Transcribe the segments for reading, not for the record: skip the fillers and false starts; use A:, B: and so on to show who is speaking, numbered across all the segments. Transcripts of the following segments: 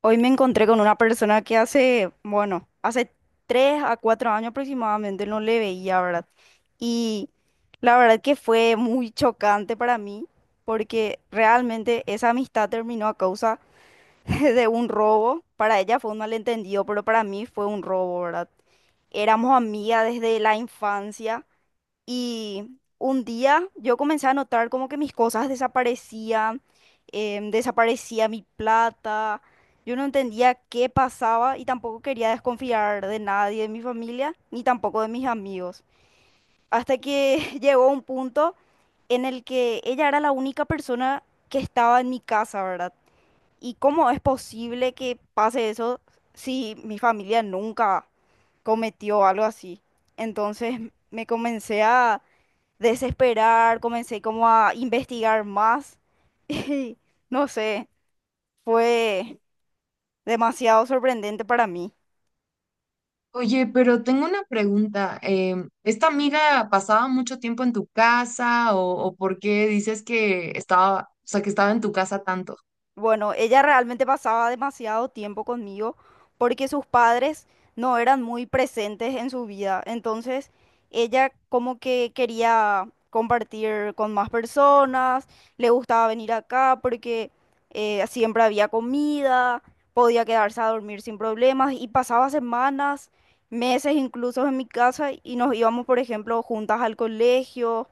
A: Hoy me encontré con una persona que hace, bueno, hace tres a cuatro años aproximadamente no le veía, ¿verdad? Y la verdad que fue muy chocante para mí porque realmente esa amistad terminó a causa de un robo. Para ella fue un malentendido, pero para mí fue un robo, ¿verdad? Éramos amigas desde la infancia y un día yo comencé a notar como que mis cosas desaparecían, desaparecía mi plata, yo no entendía qué pasaba y tampoco quería desconfiar de nadie, de mi familia, ni tampoco de mis amigos. Hasta que llegó un punto en el que ella era la única persona que estaba en mi casa, ¿verdad? ¿Y cómo es posible que pase eso si mi familia nunca cometió algo así? Entonces me comencé a desesperar, comencé como a investigar más y no sé, fue demasiado sorprendente para mí.
B: Oye, pero tengo una pregunta. ¿Esta amiga pasaba mucho tiempo en tu casa o por qué dices que estaba, o sea, que estaba en tu casa tanto?
A: Bueno, ella realmente pasaba demasiado tiempo conmigo porque sus padres no eran muy presentes en su vida. Entonces, ella como que quería compartir con más personas, le gustaba venir acá porque siempre había comida, podía quedarse a dormir sin problemas y pasaba semanas, meses incluso en mi casa y nos íbamos, por ejemplo, juntas al colegio.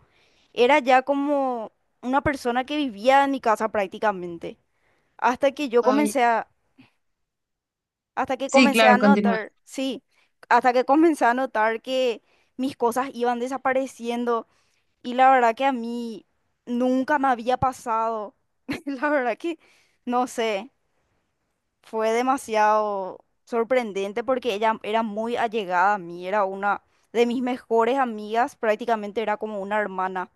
A: Era ya como una persona que vivía en mi casa prácticamente. Hasta que yo
B: Ay,
A: comencé a, hasta que
B: sí,
A: comencé a
B: claro, continúa.
A: notar, sí, hasta que comencé a notar que mis cosas iban desapareciendo y la verdad que a mí nunca me había pasado. La verdad que, no sé, fue demasiado sorprendente porque ella era muy allegada a mí, era una de mis mejores amigas, prácticamente era como una hermana.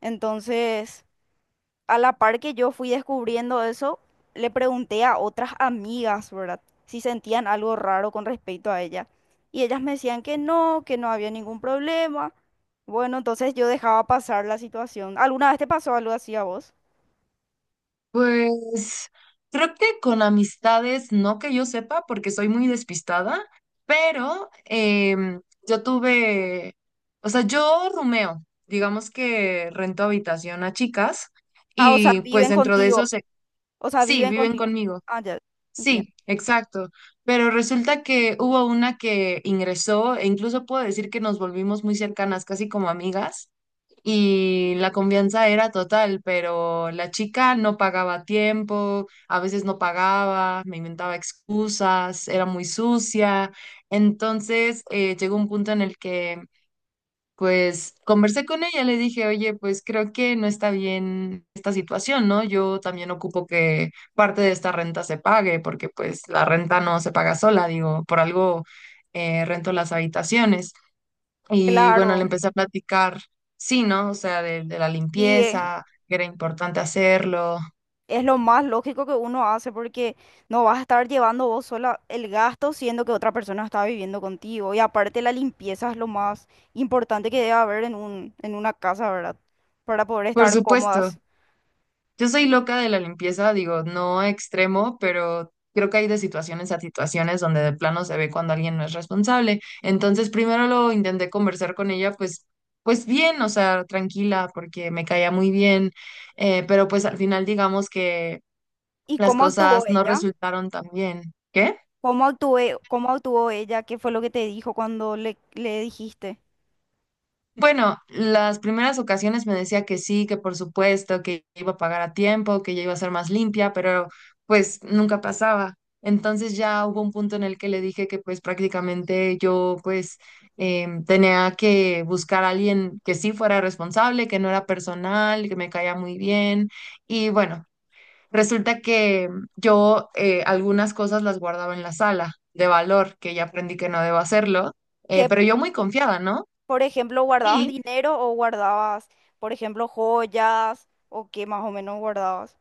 A: Entonces, a la par que yo fui descubriendo eso, le pregunté a otras amigas, ¿verdad? Si sentían algo raro con respecto a ella. Y ellas me decían que no había ningún problema. Bueno, entonces yo dejaba pasar la situación. ¿Alguna vez te pasó algo así a vos?
B: Pues creo que con amistades, no que yo sepa, porque soy muy despistada, pero yo tuve, o sea, yo rumeo, digamos que rento habitación a chicas
A: Ah, o sea,
B: y pues
A: viven
B: dentro de eso
A: contigo.
B: se,
A: O sea,
B: sí,
A: viven
B: viven
A: contigo.
B: conmigo.
A: Ah, ya, entiendo.
B: Sí, exacto. Pero resulta que hubo una que ingresó, e incluso puedo decir que nos volvimos muy cercanas, casi como amigas, y la confianza era total, pero la chica no pagaba a tiempo, a veces no pagaba, me inventaba excusas, era muy sucia. Entonces, llegó un punto en el que pues conversé con ella, le dije, oye, pues creo que no está bien esta situación, ¿no? Yo también ocupo que parte de esta renta se pague, porque pues la renta no se paga sola, digo, por algo rento las habitaciones. Y bueno, le
A: Claro.
B: empecé a platicar, sí, ¿no? O sea, de la
A: Sí,
B: limpieza, que era importante hacerlo.
A: es lo más lógico que uno hace porque no vas a estar llevando vos sola el gasto siendo que otra persona está viviendo contigo. Y aparte la limpieza es lo más importante que debe haber en un, en una casa, ¿verdad? Para poder
B: Por
A: estar
B: supuesto,
A: cómodas.
B: yo soy loca de la limpieza, digo, no extremo, pero creo que hay de situaciones a situaciones donde de plano se ve cuando alguien no es responsable. Entonces, primero lo intenté conversar con ella, pues, pues bien, o sea, tranquila, porque me caía muy bien, pero pues al final digamos que
A: ¿Y
B: las
A: cómo
B: cosas
A: actuó
B: no
A: ella?
B: resultaron tan bien. ¿Qué?
A: ¿Cómo actué, cómo actuó ella? ¿Qué fue lo que te dijo cuando le dijiste?
B: Bueno, las primeras ocasiones me decía que sí, que por supuesto, que iba a pagar a tiempo, que ya iba a ser más limpia, pero pues nunca pasaba. Entonces ya hubo un punto en el que le dije que pues prácticamente yo pues tenía que buscar a alguien que sí fuera responsable, que no era personal, que me caía muy bien. Y bueno, resulta que yo algunas cosas las guardaba en la sala de valor, que ya aprendí que no debo hacerlo,
A: Que,
B: pero yo muy confiada, ¿no?
A: por ejemplo, guardabas
B: Y
A: dinero o guardabas, por ejemplo, joyas o qué más o menos guardabas.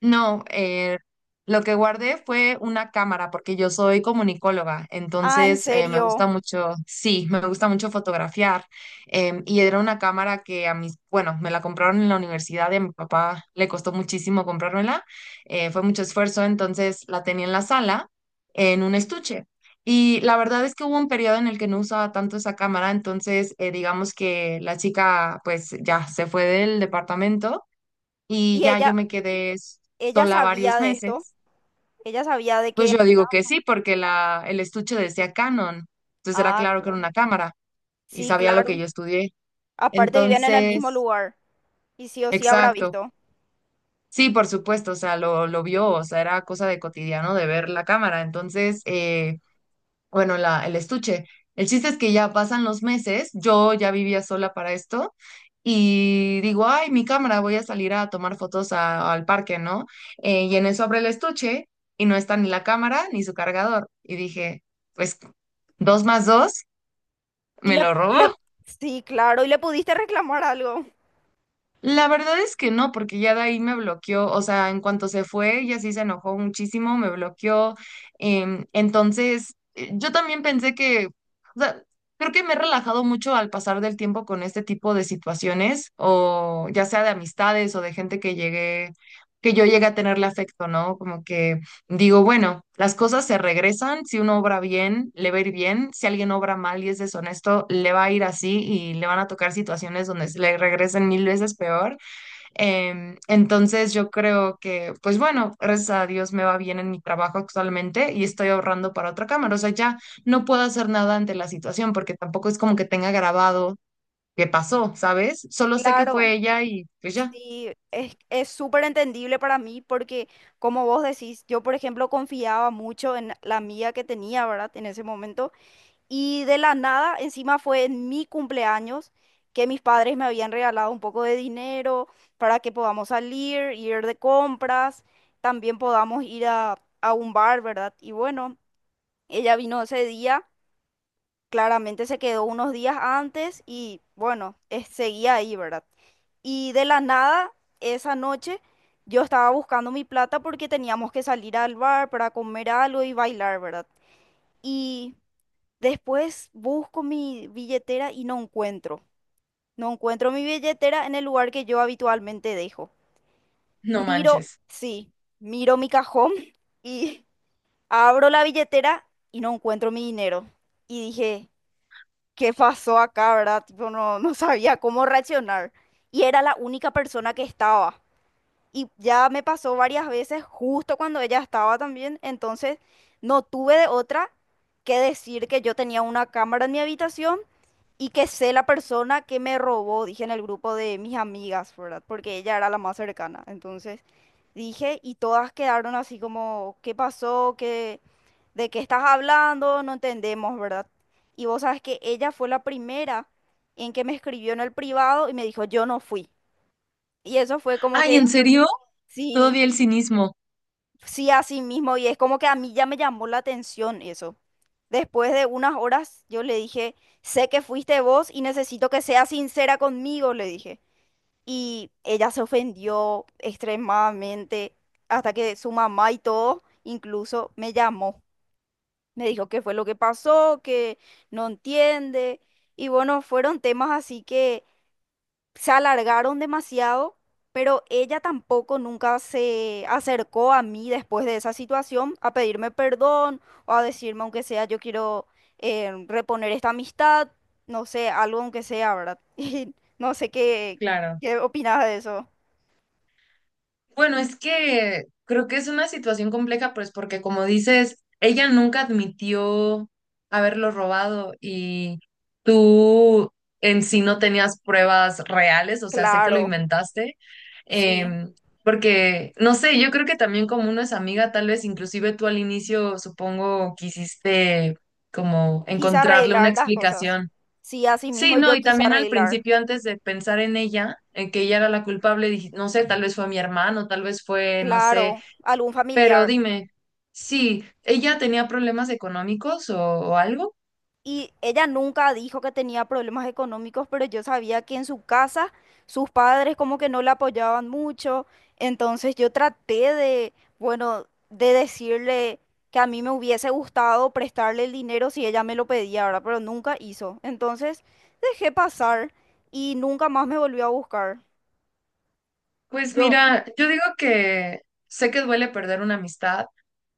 B: no, lo que guardé fue una cámara, porque yo soy comunicóloga,
A: Ah, ¿en
B: entonces me gusta
A: serio?
B: mucho, sí, me gusta mucho fotografiar. Y era una cámara que a mis, bueno, me la compraron en la universidad y a mi papá le costó muchísimo comprármela, fue mucho esfuerzo, entonces la tenía en la sala, en un estuche. Y la verdad es que hubo un periodo en el que no usaba tanto esa cámara, entonces digamos que la chica pues ya se fue del departamento y
A: ¿Y
B: ya yo
A: ella,
B: me quedé
A: ella
B: sola
A: sabía
B: varios
A: de esto?
B: meses,
A: Ella sabía de que
B: pues yo
A: había.
B: digo que sí, porque el estuche decía Canon, entonces era
A: Ah,
B: claro que era
A: claro.
B: una cámara y
A: Sí,
B: sabía lo que
A: claro.
B: yo estudié.
A: Aparte vivían en el mismo
B: Entonces,
A: lugar y sí o sí habrá
B: exacto,
A: visto.
B: sí, por supuesto, o sea, lo vio, o sea, era cosa de cotidiano de ver la cámara, entonces, bueno, el estuche. El chiste es que ya pasan los meses, yo ya vivía sola para esto y digo, ay, mi cámara, voy a salir a tomar fotos al parque, ¿no? Y en eso abre el estuche y no está ni la cámara ni su cargador. Y dije, pues dos más dos,
A: Y
B: me
A: le,
B: lo robó.
A: le- sí, claro, y le pudiste reclamar algo.
B: La verdad es que no, porque ya de ahí me bloqueó, o sea, en cuanto se fue, ella sí se enojó muchísimo, me bloqueó. Entonces, yo también pensé que, o sea, creo que me he relajado mucho al pasar del tiempo con este tipo de situaciones, o ya sea de amistades o de gente que llegué, que yo llegué a tenerle afecto, ¿no? Como que digo, bueno, las cosas se regresan, si uno obra bien, le va a ir bien, si alguien obra mal y es deshonesto, le va a ir así y le van a tocar situaciones donde se le regresen mil veces peor. Entonces yo creo que, pues bueno, gracias a Dios me va bien en mi trabajo actualmente y estoy ahorrando para otra cámara. O sea, ya no puedo hacer nada ante la situación porque tampoco es como que tenga grabado qué pasó, ¿sabes? Solo sé que fue
A: Claro.
B: ella y pues ya.
A: Sí, es súper entendible para mí porque, como vos decís, yo, por ejemplo, confiaba mucho en la amiga que tenía, ¿verdad? En ese momento. Y de la nada, encima fue en mi cumpleaños que mis padres me habían regalado un poco de dinero para que podamos salir, ir de compras, también podamos ir a un bar, ¿verdad? Y bueno, ella vino ese día, claramente se quedó unos días antes y bueno, seguía ahí, ¿verdad? Y de la nada, esa noche, yo estaba buscando mi plata porque teníamos que salir al bar para comer algo y bailar, ¿verdad? Y después busco mi billetera y no encuentro. No encuentro mi billetera en el lugar que yo habitualmente dejo.
B: No
A: Miro,
B: manches.
A: sí, miro mi cajón y abro la billetera y no encuentro mi dinero. Y dije, ¿qué pasó acá, verdad? Tipo, no, no sabía cómo reaccionar. Y era la única persona que estaba. Y ya me pasó varias veces justo cuando ella estaba también. Entonces no tuve de otra que decir que yo tenía una cámara en mi habitación y que sé la persona que me robó, dije en el grupo de mis amigas, ¿verdad? Porque ella era la más cercana. Entonces dije y todas quedaron así como, ¿qué pasó? ¿Qué, de qué estás hablando? No entendemos, ¿verdad? Y vos sabes que ella fue la primera en que me escribió en el privado y me dijo, yo no fui. Y eso fue como
B: Ay,
A: que,
B: ¿en serio?
A: sí.
B: Todavía el cinismo.
A: Sí, así mismo, y es como que a mí ya me llamó la atención eso. Después de unas horas, yo le dije, sé que fuiste vos y necesito que seas sincera conmigo, le dije. Y ella se ofendió extremadamente, hasta que su mamá y todo, incluso me llamó. Me dijo qué fue lo que pasó, que no entiende. Y bueno, fueron temas así que se alargaron demasiado, pero ella tampoco nunca se acercó a mí después de esa situación a pedirme perdón o a decirme, aunque sea, yo quiero reponer esta amistad, no sé, algo aunque sea, ¿verdad? Y no sé qué,
B: Claro.
A: qué opinas de eso.
B: Bueno, es que creo que es una situación compleja, pues porque como dices, ella nunca admitió haberlo robado y tú en sí no tenías pruebas reales, o sea, sé que lo
A: Claro,
B: inventaste,
A: sí.
B: em, porque, no sé, yo creo que también como uno es amiga, tal vez inclusive tú al inicio, supongo, quisiste como
A: Quise
B: encontrarle una
A: arreglar las cosas.
B: explicación.
A: Sí, así mismo
B: Sí, no,
A: yo
B: y
A: quise
B: también al
A: arreglar.
B: principio, antes de pensar en ella, en que ella era la culpable, dije, no sé, tal vez fue mi hermano, tal vez fue, no sé,
A: Claro, algún
B: pero
A: familiar.
B: dime, sí, ¿ella tenía problemas económicos o algo?
A: Y ella nunca dijo que tenía problemas económicos, pero yo sabía que en su casa sus padres como que no la apoyaban mucho. Entonces yo traté de, bueno, de decirle que a mí me hubiese gustado prestarle el dinero si ella me lo pedía, ¿verdad? Pero nunca hizo. Entonces dejé pasar y nunca más me volvió a buscar.
B: Pues
A: Yo
B: mira, yo digo que sé que duele perder una amistad,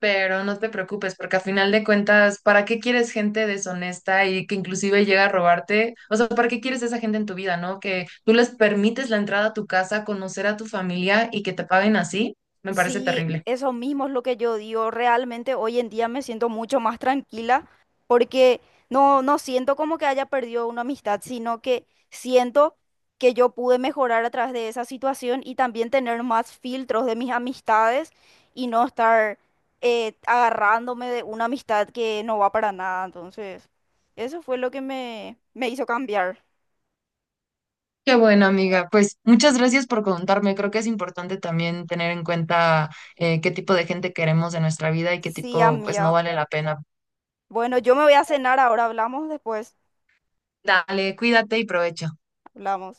B: pero no te preocupes, porque a final de cuentas, ¿para qué quieres gente deshonesta y que inclusive llega a robarte? O sea, ¿para qué quieres esa gente en tu vida, no? Que tú les permites la entrada a tu casa, conocer a tu familia y que te paguen así, me parece
A: sí,
B: terrible.
A: eso mismo es lo que yo digo. Realmente hoy en día me siento mucho más tranquila porque no, no siento como que haya perdido una amistad, sino que siento que yo pude mejorar a través de esa situación y también tener más filtros de mis amistades y no estar agarrándome de una amistad que no va para nada. Entonces, eso fue lo que me hizo cambiar.
B: Qué bueno, amiga. Pues muchas gracias por contarme. Creo que es importante también tener en cuenta qué tipo de gente queremos en nuestra vida y qué
A: Sí,
B: tipo, pues no
A: amiga.
B: vale la pena.
A: Bueno, yo me voy a cenar ahora. Hablamos después.
B: Dale, cuídate y provecho.
A: Hablamos.